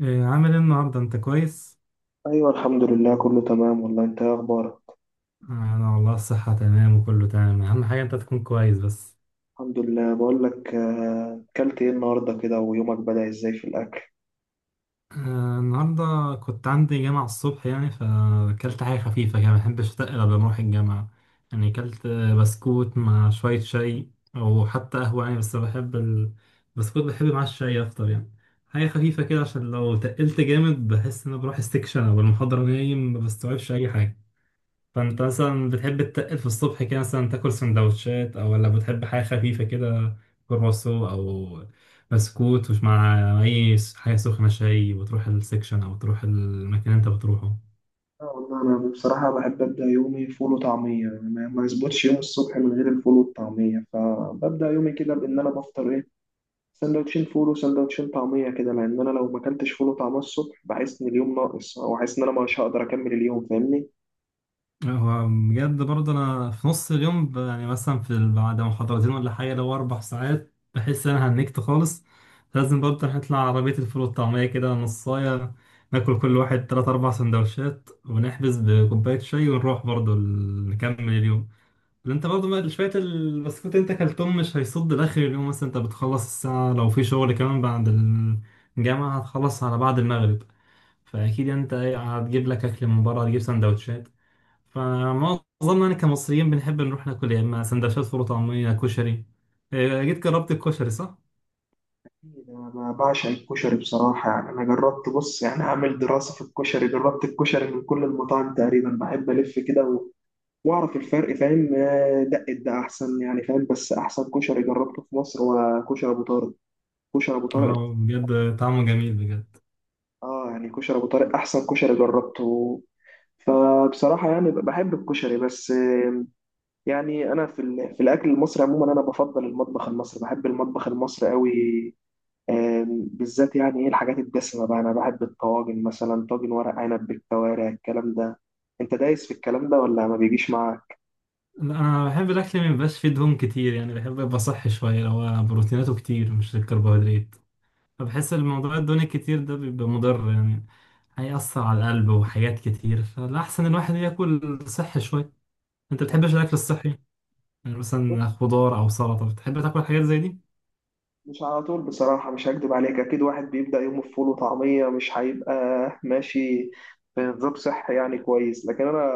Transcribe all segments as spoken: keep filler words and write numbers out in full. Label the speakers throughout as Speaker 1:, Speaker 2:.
Speaker 1: إيه عامل ايه النهارده انت كويس؟
Speaker 2: ايوه، الحمد لله كله تمام والله. انت ايه اخبارك؟
Speaker 1: انا والله الصحه تمام، وكله تمام، اهم حاجه انت تكون كويس بس.
Speaker 2: الحمد لله. بقول لك، آه، اكلت ايه النهارده كده؟ ويومك بدأ ازاي في الاكل؟
Speaker 1: آه، النهارده كنت عندي جامعه الصبح، يعني فاكلت حاجه خفيفه كده، ما بحبش اتقل قبل ما اروح الجامعه. يعني اكلت آه، بسكوت مع شويه شاي، او حتى قهوه، يعني بس بحب ال- البسكوت بحب مع الشاي اكتر يعني. حاجه خفيفه كده عشان لو تقلت جامد بحس ان أنا بروح استكشن او المحاضره نايم ما بستوعبش اي حاجه. فانت مثلا بتحب تتقل في الصبح كده، مثلا تاكل سندوتشات، او ولا بتحب حاجه خفيفه كده؟ كرواسو او بسكوت، ومش مع اي س- حاجه سخنه، شاي وتروح السكشن او تروح المكان اللي انت بتروحه؟
Speaker 2: آه، والله انا بصراحه بحب ابدا يومي فول وطعميه. يعني ما ما يظبطش يوم الصبح من غير الفول والطعميه، فببدا يومي كده بان انا بفطر ايه؟ سندوتشين فول وسندوتشين طعميه، كده لان انا لو ما اكلتش فول وطعميه الصبح بحس ان اليوم ناقص، او حاسس ان انا مش هقدر اكمل اليوم، فاهمني.
Speaker 1: هو بجد برضه انا في نص اليوم ب- يعني مثلا في ال- بعد محاضرتين ولا حاجه، لو اربع ساعات بحس ان انا هنكت خالص. لازم برضه نطلع عربيه الفول والطعميه كده نصايه، ناكل كل واحد تلات أربع سندوتشات، ونحبس بكوباية شاي، ونروح برضه ال- نكمل اليوم. ما انت برضه ما- شوية البسكوت انت كلتهم مش هيصد لاخر اليوم، مثلا انت بتخلص الساعة لو في شغل كمان بعد الجامعة، هتخلص على بعد المغرب. فأكيد يعني، انت ايه، هتجيب لك أكل من بره، هتجيب سندوتشات. فمعظمنا يعني كمصريين بنحب نروح ناكل، يا إما سندوتشات فول وطعمية، كشري. اه، جيت جربت الكشري صح؟
Speaker 2: انا بعشق الكشري بصراحه، يعني انا جربت، بص يعني اعمل دراسه في الكشري، جربت الكشري من كل المطاعم تقريبا، بحب الف كده و- واعرف الفرق، فاهم؟ آه، دق ده احسن يعني، فاهم؟ بس احسن كشري جربته في مصر هو كشري ابو طارق. كشري ابو طارق.
Speaker 1: اه، بجد طعمه جميل بجد.
Speaker 2: اه يعني كشري ابو طارق احسن كشري جربته. فبصراحه يعني بحب الكشري، بس آه، يعني انا في ال- في الاكل المصري عموما انا بفضل المطبخ المصري، بحب المطبخ المصري قوي. آم، بالذات يعني ايه الحاجات الدسمة بقى، انا بحب الطواجن، مثلا طاجن ورق عنب بالكوارع. الكلام ده انت دايس في الكلام ده ولا ما بيجيش معاك؟
Speaker 1: لا، انا بحب الاكل ما يبقاش فيه دهون كتير، يعني بحب يبقى صحي شويه، اللي هو بروتيناته كتير مش الكربوهيدرات. فبحس الموضوع الدوني كتير ده بيبقى مضر يعني، هيأثر على القلب وحاجات كتير، فالأحسن الواحد ياكل صحي شوية. أنت بتحبش الأكل الصحي؟ يعني مثلا خضار أو سلطة، بتحب تاكل حاجات زي دي؟
Speaker 2: مش على طول بصراحة، مش هكدب عليك. اكيد واحد بيبدأ يومه بفول وطعمية مش هيبقى ماشي في نظام صحي يعني كويس، لكن انا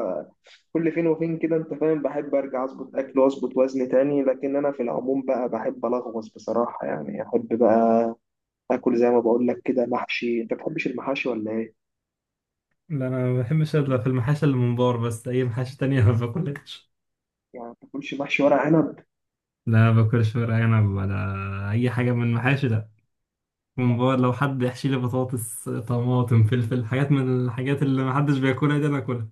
Speaker 2: كل فين وفين كده، انت فاهم، بحب ارجع اظبط اكل واظبط وزن تاني، لكن انا في العموم بقى بحب الغوص بصراحة، يعني احب بقى اكل زي ما بقول لك كده محشي. انت بتحبش المحاشي ولا ايه؟
Speaker 1: لا، أنا ما بحبش إلا في المحاشي اللي من بار، بس أي محاشي تانية ما باكلهاش.
Speaker 2: يعني ما بتاكلش محشي ورق عنب؟
Speaker 1: لا، ما باكلش ورق عنب ولا أي حاجة من المحاشي ده.
Speaker 2: لا.
Speaker 1: ممبار، لو حد يحشي لي بطاطس طماطم فلفل، حاجات من الحاجات اللي محدش بياكلها دي، أنا أكلها.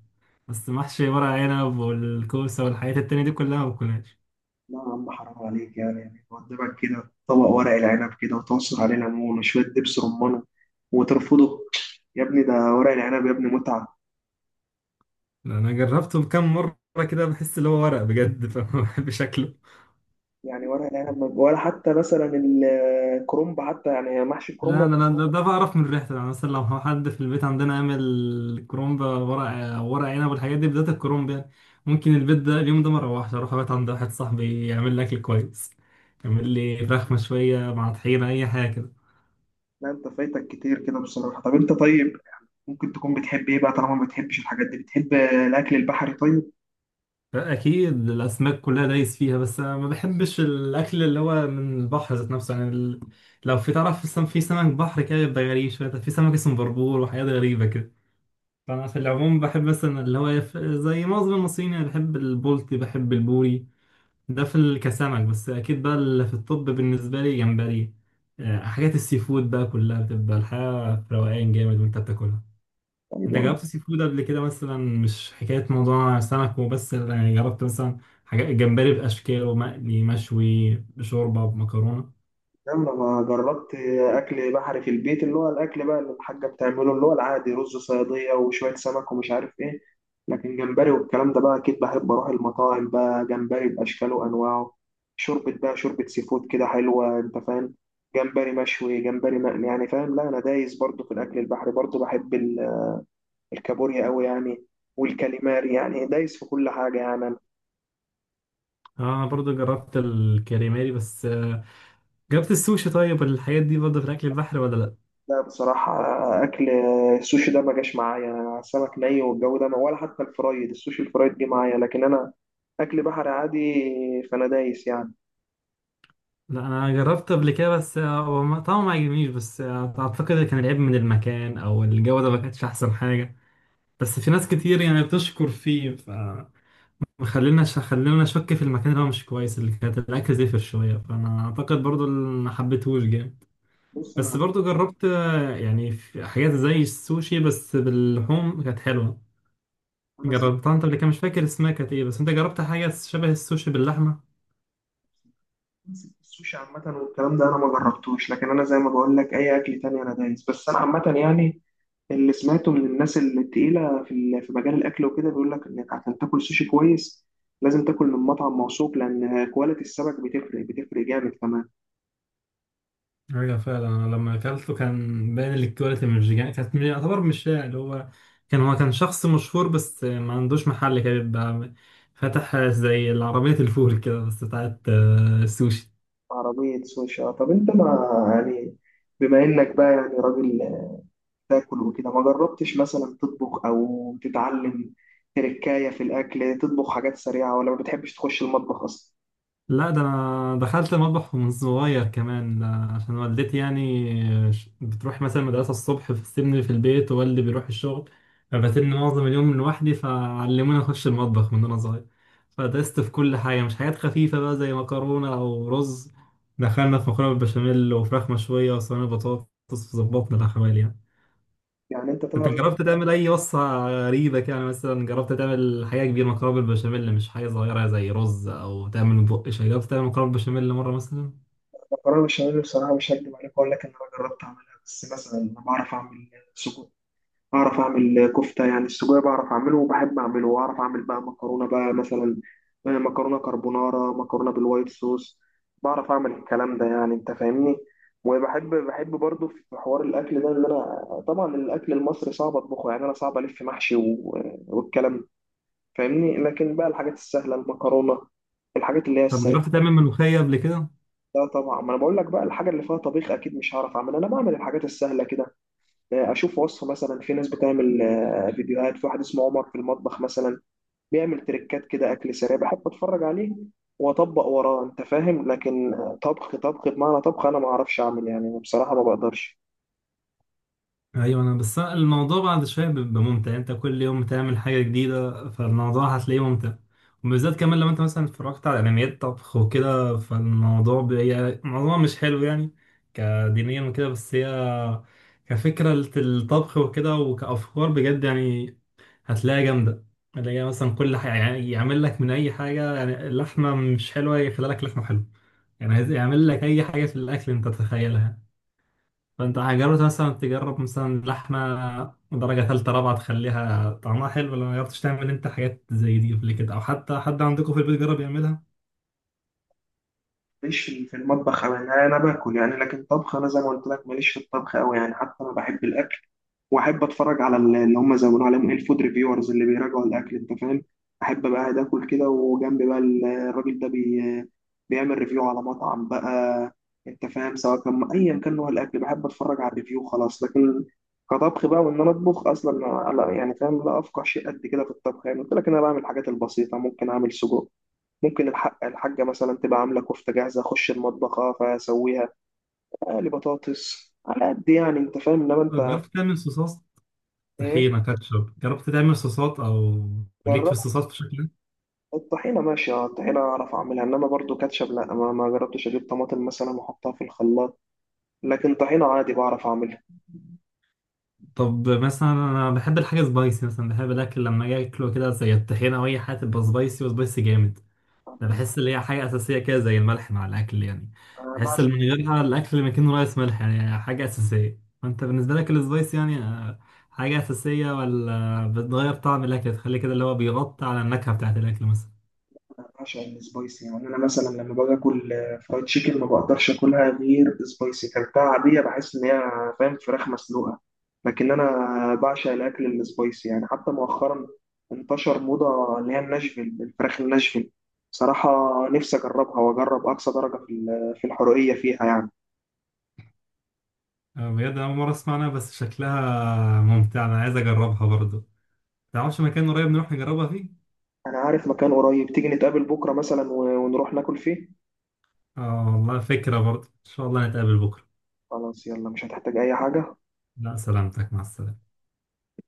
Speaker 1: بس محشي ورق عنب والكوسة والحاجات التانية دي كلها ما باكلهاش.
Speaker 2: لا يا عم، حرام عليك، يعني يعني قدامك كده طبق ورق العنب كده، وتعصر عليه ليمون وشوية دبس رمان، وترفضه؟ يا ابني ده ورق العنب، يا ابني متعة.
Speaker 1: انا جربته كام مره كده، بحس اللي هو ورق بجد، فما بحبش شكله.
Speaker 2: يعني ورق العنب ما- ولا حتى مثلا الكرنب حتى، يعني محشي
Speaker 1: لا،
Speaker 2: الكرنب؟
Speaker 1: انا أنا- ده, ده بعرف من ريحته، يعني مثلا لو حد في البيت عندنا عامل كرومب ورق ورق عنب والحاجات دي بدايه الكرومب، يعني ممكن البيت ده اليوم ده ما اروحش، اروح ابات عند واحد صاحبي يعمل لي اكل كويس، يعمل لي فراخ مشويه مع طحينه، اي حاجه كده.
Speaker 2: لا، انت فايتك كتير كده بصراحة. طب انت طيب ممكن تكون بتحب ايه بقى طالما ما بتحبش الحاجات دي؟ بتحب الاكل البحري طيب؟
Speaker 1: اكيد الاسماك كلها دايس فيها، بس أنا ما بحبش الاكل اللي هو من البحر ذات نفسه، يعني ال- لو في، تعرف، في سم- في سمك بحر كده بيبقى غريب شويه، في سمك اسمه بربور وحاجات غريبه. فأنا في العموم بحب مثلا اللي هو يف... زي معظم المصريين أنا بحب البلطي، بحب البوري. ده في ال- كسمك، بس أكيد بقى اللي في الطب بالنسبة لي جمبري. آه، حاجات السي فود بقى كلها بتبقى الحياة في روقان جامد وأنت بتاكلها.
Speaker 2: طيب
Speaker 1: أنت
Speaker 2: يعني،
Speaker 1: جربت سي فود قبل كده مثلا؟ مش حكاية موضوع سمك وبس، يعني جربت مثلا حاجات جمبري بأشكاله، مقلي مشوي، بشوربة بمكرونة؟
Speaker 2: يلا ما جربت اكل بحري في البيت، اللي هو الاكل بقى اللي الحاجه بتعمله اللي هو العادي، رز صياديه وشويه سمك ومش عارف ايه. لكن جمبري والكلام ده بقى اكيد بحب اروح المطاعم بقى، جمبري باشكاله وانواعه، شوربه بقى، شوربه سي فود كده حلوه، انت فاهم، جمبري مشوي جمبري مقلي يعني، فاهم؟ لا انا دايس برضو في الاكل البحري، برضو بحب ال- الكابوريا قوي يعني، والكاليماري، يعني دايس في كل حاجه يعني.
Speaker 1: آه، أنا برضو جربت الكريماري، بس آه، جربت السوشي، طيب الحاجات دي برضو في الأكل البحري ولا لأ؟
Speaker 2: لا بصراحة، أكل السوشي ده ما جاش معايا، أنا سمك ني والجو ده ما ولا حتى الفرايد، السوشي الفرايد جه معايا، لكن أنا أكل بحري عادي، فأنا دايس يعني.
Speaker 1: لا، انا جربت قبل كده، بس آه، هو ما- طبعا ما عجبنيش، بس آه، اعتقد كان العيب من المكان او الجوده، ما كانتش احسن حاجه. بس في ناس كتير يعني بتشكر فيه، ف خلينا خلينا نشك في المكان اللي هو مش كويس، اللي كانت الاكل زفر شويه، فانا اعتقد برضو اللي ما حبيتهوش جامد.
Speaker 2: بص
Speaker 1: بس
Speaker 2: أنا،
Speaker 1: برضو جربت، آه، يعني في حاجات زي السوشي بس باللحوم كانت حلوه.
Speaker 2: أنا سمعت
Speaker 1: جربتها انت قبل كده؟ مش فاكر اسمها كانت ايه، بس انت جربت حاجه شبه السوشي باللحمه؟
Speaker 2: السوشي عامة والكلام ده أنا ما جربتوش، لكن أنا زي ما بقول لك أي أكل تاني أنا دايس، بس أنا عامة يعني اللي سمعته من الناس التقيلة في ال- في مجال الأكل وكده، بيقول لك إنك عشان تاكل سوشي كويس لازم تاكل من مطعم موثوق، لأن كواليتي السمك بتفرق، بتفرق جامد كمان.
Speaker 1: ايوه فعلا، انا لما اكلته كان باين الكواليتي مش، يعني كانت من- يعتبر مش شائع، اللي هو كان، هو كان شخص مشهور بس ما عندوش محل كده، بيبقى فتح زي العربية الفول كده بس بتاعت آه، السوشي.
Speaker 2: عربية سوشي، آه، طب أنت ما يعني، بما إنك بقى يعني راجل تاكل وكده، ما جربتش مثلا تطبخ أو تتعلم تركاية في الأكل، تطبخ حاجات سريعة ولا ما بتحبش تخش المطبخ أصلا؟
Speaker 1: لا، ده انا دخلت المطبخ من صغير كمان، ده عشان والدتي يعني ش- بتروح مثلا مدرسة الصبح، بتسيبني في البيت ووالدي بيروح الشغل، فبتني معظم اليوم لوحدي، فعلموني اخش المطبخ من وانا صغير. فدست في كل حاجة، مش حاجات خفيفة بقى زي مكرونة او رز، دخلنا في مكرونة بالبشاميل، وفراخ مشوية، وصينية بطاطس، فظبطنا الاحوال يعني.
Speaker 2: يعني أنت تعرف
Speaker 1: انت
Speaker 2: تعمل.
Speaker 1: جربت تعمل اي وصفة غريبة كده؟ يعني مثلا جربت تعمل حاجة كبيرة، مكرونة بالبشاميل، مش حاجة صغيرة زي رز او تعمل بقش؟ جربت تعمل مكرونة بالبشاميل مرة مثلا؟
Speaker 2: مكرونة بشاميل بصراحة مش هكدب عليك، أقول لك إن أنا جربت أعملها. بس مثلا أنا بعرف أعمل سجق، أعرف أعمل كفتة، يعني السجق بعرف أعمله وبحب أعمله، وأعرف أعمل بقى مكرونة بقى، مثلا آه، مكرونة كربونارا، مكرونة بالوايت صوص، بعرف أعمل الكلام ده يعني، أنت فاهمني. وبحب، بحب برضه في حوار الأكل ده إن أنا طبعا الأكل المصري صعب أطبخه، يعني أنا صعب ألف محشي و- والكلام ده، فاهمني، لكن بقى الحاجات السهلة، المكرونة، الحاجات اللي هي
Speaker 1: طب
Speaker 2: السريعة،
Speaker 1: جربت تعمل ملوخية قبل كده؟
Speaker 2: ده طبعا. ما أنا بقول لك بقى الحاجة اللي فيها طبيخ أكيد مش هعرف أعملها، أنا بعمل الحاجات السهلة كده، اشوف وصفه مثلا، في ناس بتعمل آه، فيديوهات، في واحد اسمه عمر في المطبخ مثلا، بيعمل تريكات كده، اكل سريع، بحب اتفرج عليه واطبق وراه، انت فاهم. لكن آه، طبخ طبخ بمعنى طبخ انا ما اعرفش اعمل يعني، بصراحه ما بقدرش.
Speaker 1: ايوه، انا بس أنا الموضوع بعد شويه بيبقى ممتع، انت كل يوم بتعمل حاجه جديده، فالموضوع هتلاقيه ممتع، وبالذات كمان لو انت مثلا اتفرجت على انميات طبخ وكده، فالموضوع بي... الموضوع مش حلو يعني كدينيا وكده، بس هي كفكره الطبخ وكده وكافكار بجد يعني، هتلاقيها جامده. اللي هي مثلا كل حاجه، يعني يعمل لك من اي حاجه، يعني اللحمه مش حلوه يخلي لك لحمه حلوه، يعني عايز يعمل لك اي حاجه في الاكل انت تتخيلها. فانت جربت مثلا، تجرب مثلا لحمه درجه ثالثه رابعه تخليها طعمها حلو؟ ولا ما جربتش تعمل انت حاجات زي دي قبل كده، او حتى حد عندكم في البيت جرب يعملها؟
Speaker 2: ماليش في في المطبخ أوي، يعني انا باكل يعني، لكن طبخ انا زي ما قلت لك ماليش في الطبخ قوي يعني. حتى انا بحب الاكل واحب اتفرج على ال- اللي هم زي ما بنقول عليهم ايه، الفود ريفيورز اللي بيراجعوا الاكل، انت فاهم. احب بقى قاعد اكل كده، وجنبي بقى ال- الراجل ده بي بيعمل ريفيو على مطعم بقى، انت فاهم، سواء كان ايا كان نوع الاكل بحب اتفرج على الريفيو. خلاص. لكن كطبخ بقى وان انا اطبخ اصلا، لا يعني فاهم، لا افقه شيء قد كده في الطبخ يعني. قلت لك إن انا بعمل الحاجات البسيطه، ممكن اعمل سجق، ممكن الحق الحاجه مثلا تبقى عامله كفته جاهزه اخش المطبخ اه فاسويها، اقلي بطاطس على قد يعني، انت فاهم. انما
Speaker 1: طب
Speaker 2: انت
Speaker 1: جربت تعمل صوصات؟
Speaker 2: ايه
Speaker 1: طحينه، كاتشب، جربت تعمل صوصات، او ليك في
Speaker 2: جربت؟
Speaker 1: الصوصات في شكل؟
Speaker 2: الطحينة ماشي، اه الطحينة أعرف أعملها، إنما برضو كاتشب لأ. ما, ما جربتش أجيب طماطم مثلا وأحطها في الخلاط، لكن طحينة عادي بعرف أعملها.
Speaker 1: طب مثلا انا بحب الحاجه سبايسي، مثلا بحب الاكل لما اجي اكله كده زي الطحينه، او اي حاجه تبقى سبايسي، وسبايسي جامد. انا
Speaker 2: بص
Speaker 1: بحس اللي هي حاجه اساسيه كده زي الملح مع الاكل يعني،
Speaker 2: أنا
Speaker 1: بحس
Speaker 2: بعشق
Speaker 1: اللي من غيرها الاكل ما يكون رايس ملح، يعني حاجه اساسيه. فانت بالنسبه لك السبايس يعني آه، حاجه اساسيه، ولا بتغير طعم الاكل تخلي كده اللي هو بيغطي على النكهه بتاعت الاكل مثلا؟
Speaker 2: أنا بعشق السبايسي، يعني أنا مثلا لما باجي آكل آه، فرايد تشيكن ما بقدرش آكلها غير سبايسي، كلتها عادية بحس إن هي، فاهم، فراخ مسلوقة. لكن أنا بعشق الأكل السبايسي، يعني حتى مؤخرا انتشر موضة اللي هي الناشفيل، الفراخ الناشفيل، بصراحة نفسي أجربها وأجرب أقصى درجة في ال- في الحرقية فيها يعني.
Speaker 1: آه، بجد انا اول مره اسمع عنها، بس شكلها ممتع، انا عايز اجربها برضه. تعرفش مكان قريب نروح نجربها فيه؟
Speaker 2: انا عارف مكان قريب، تيجي نتقابل بكره مثلا و- ونروح ناكل فيه.
Speaker 1: اه، والله فكره برضه، ان شاء الله نتقابل بكره.
Speaker 2: خلاص يلا، مش هتحتاج اي حاجه.
Speaker 1: لا، سلامتك، مع السلامه.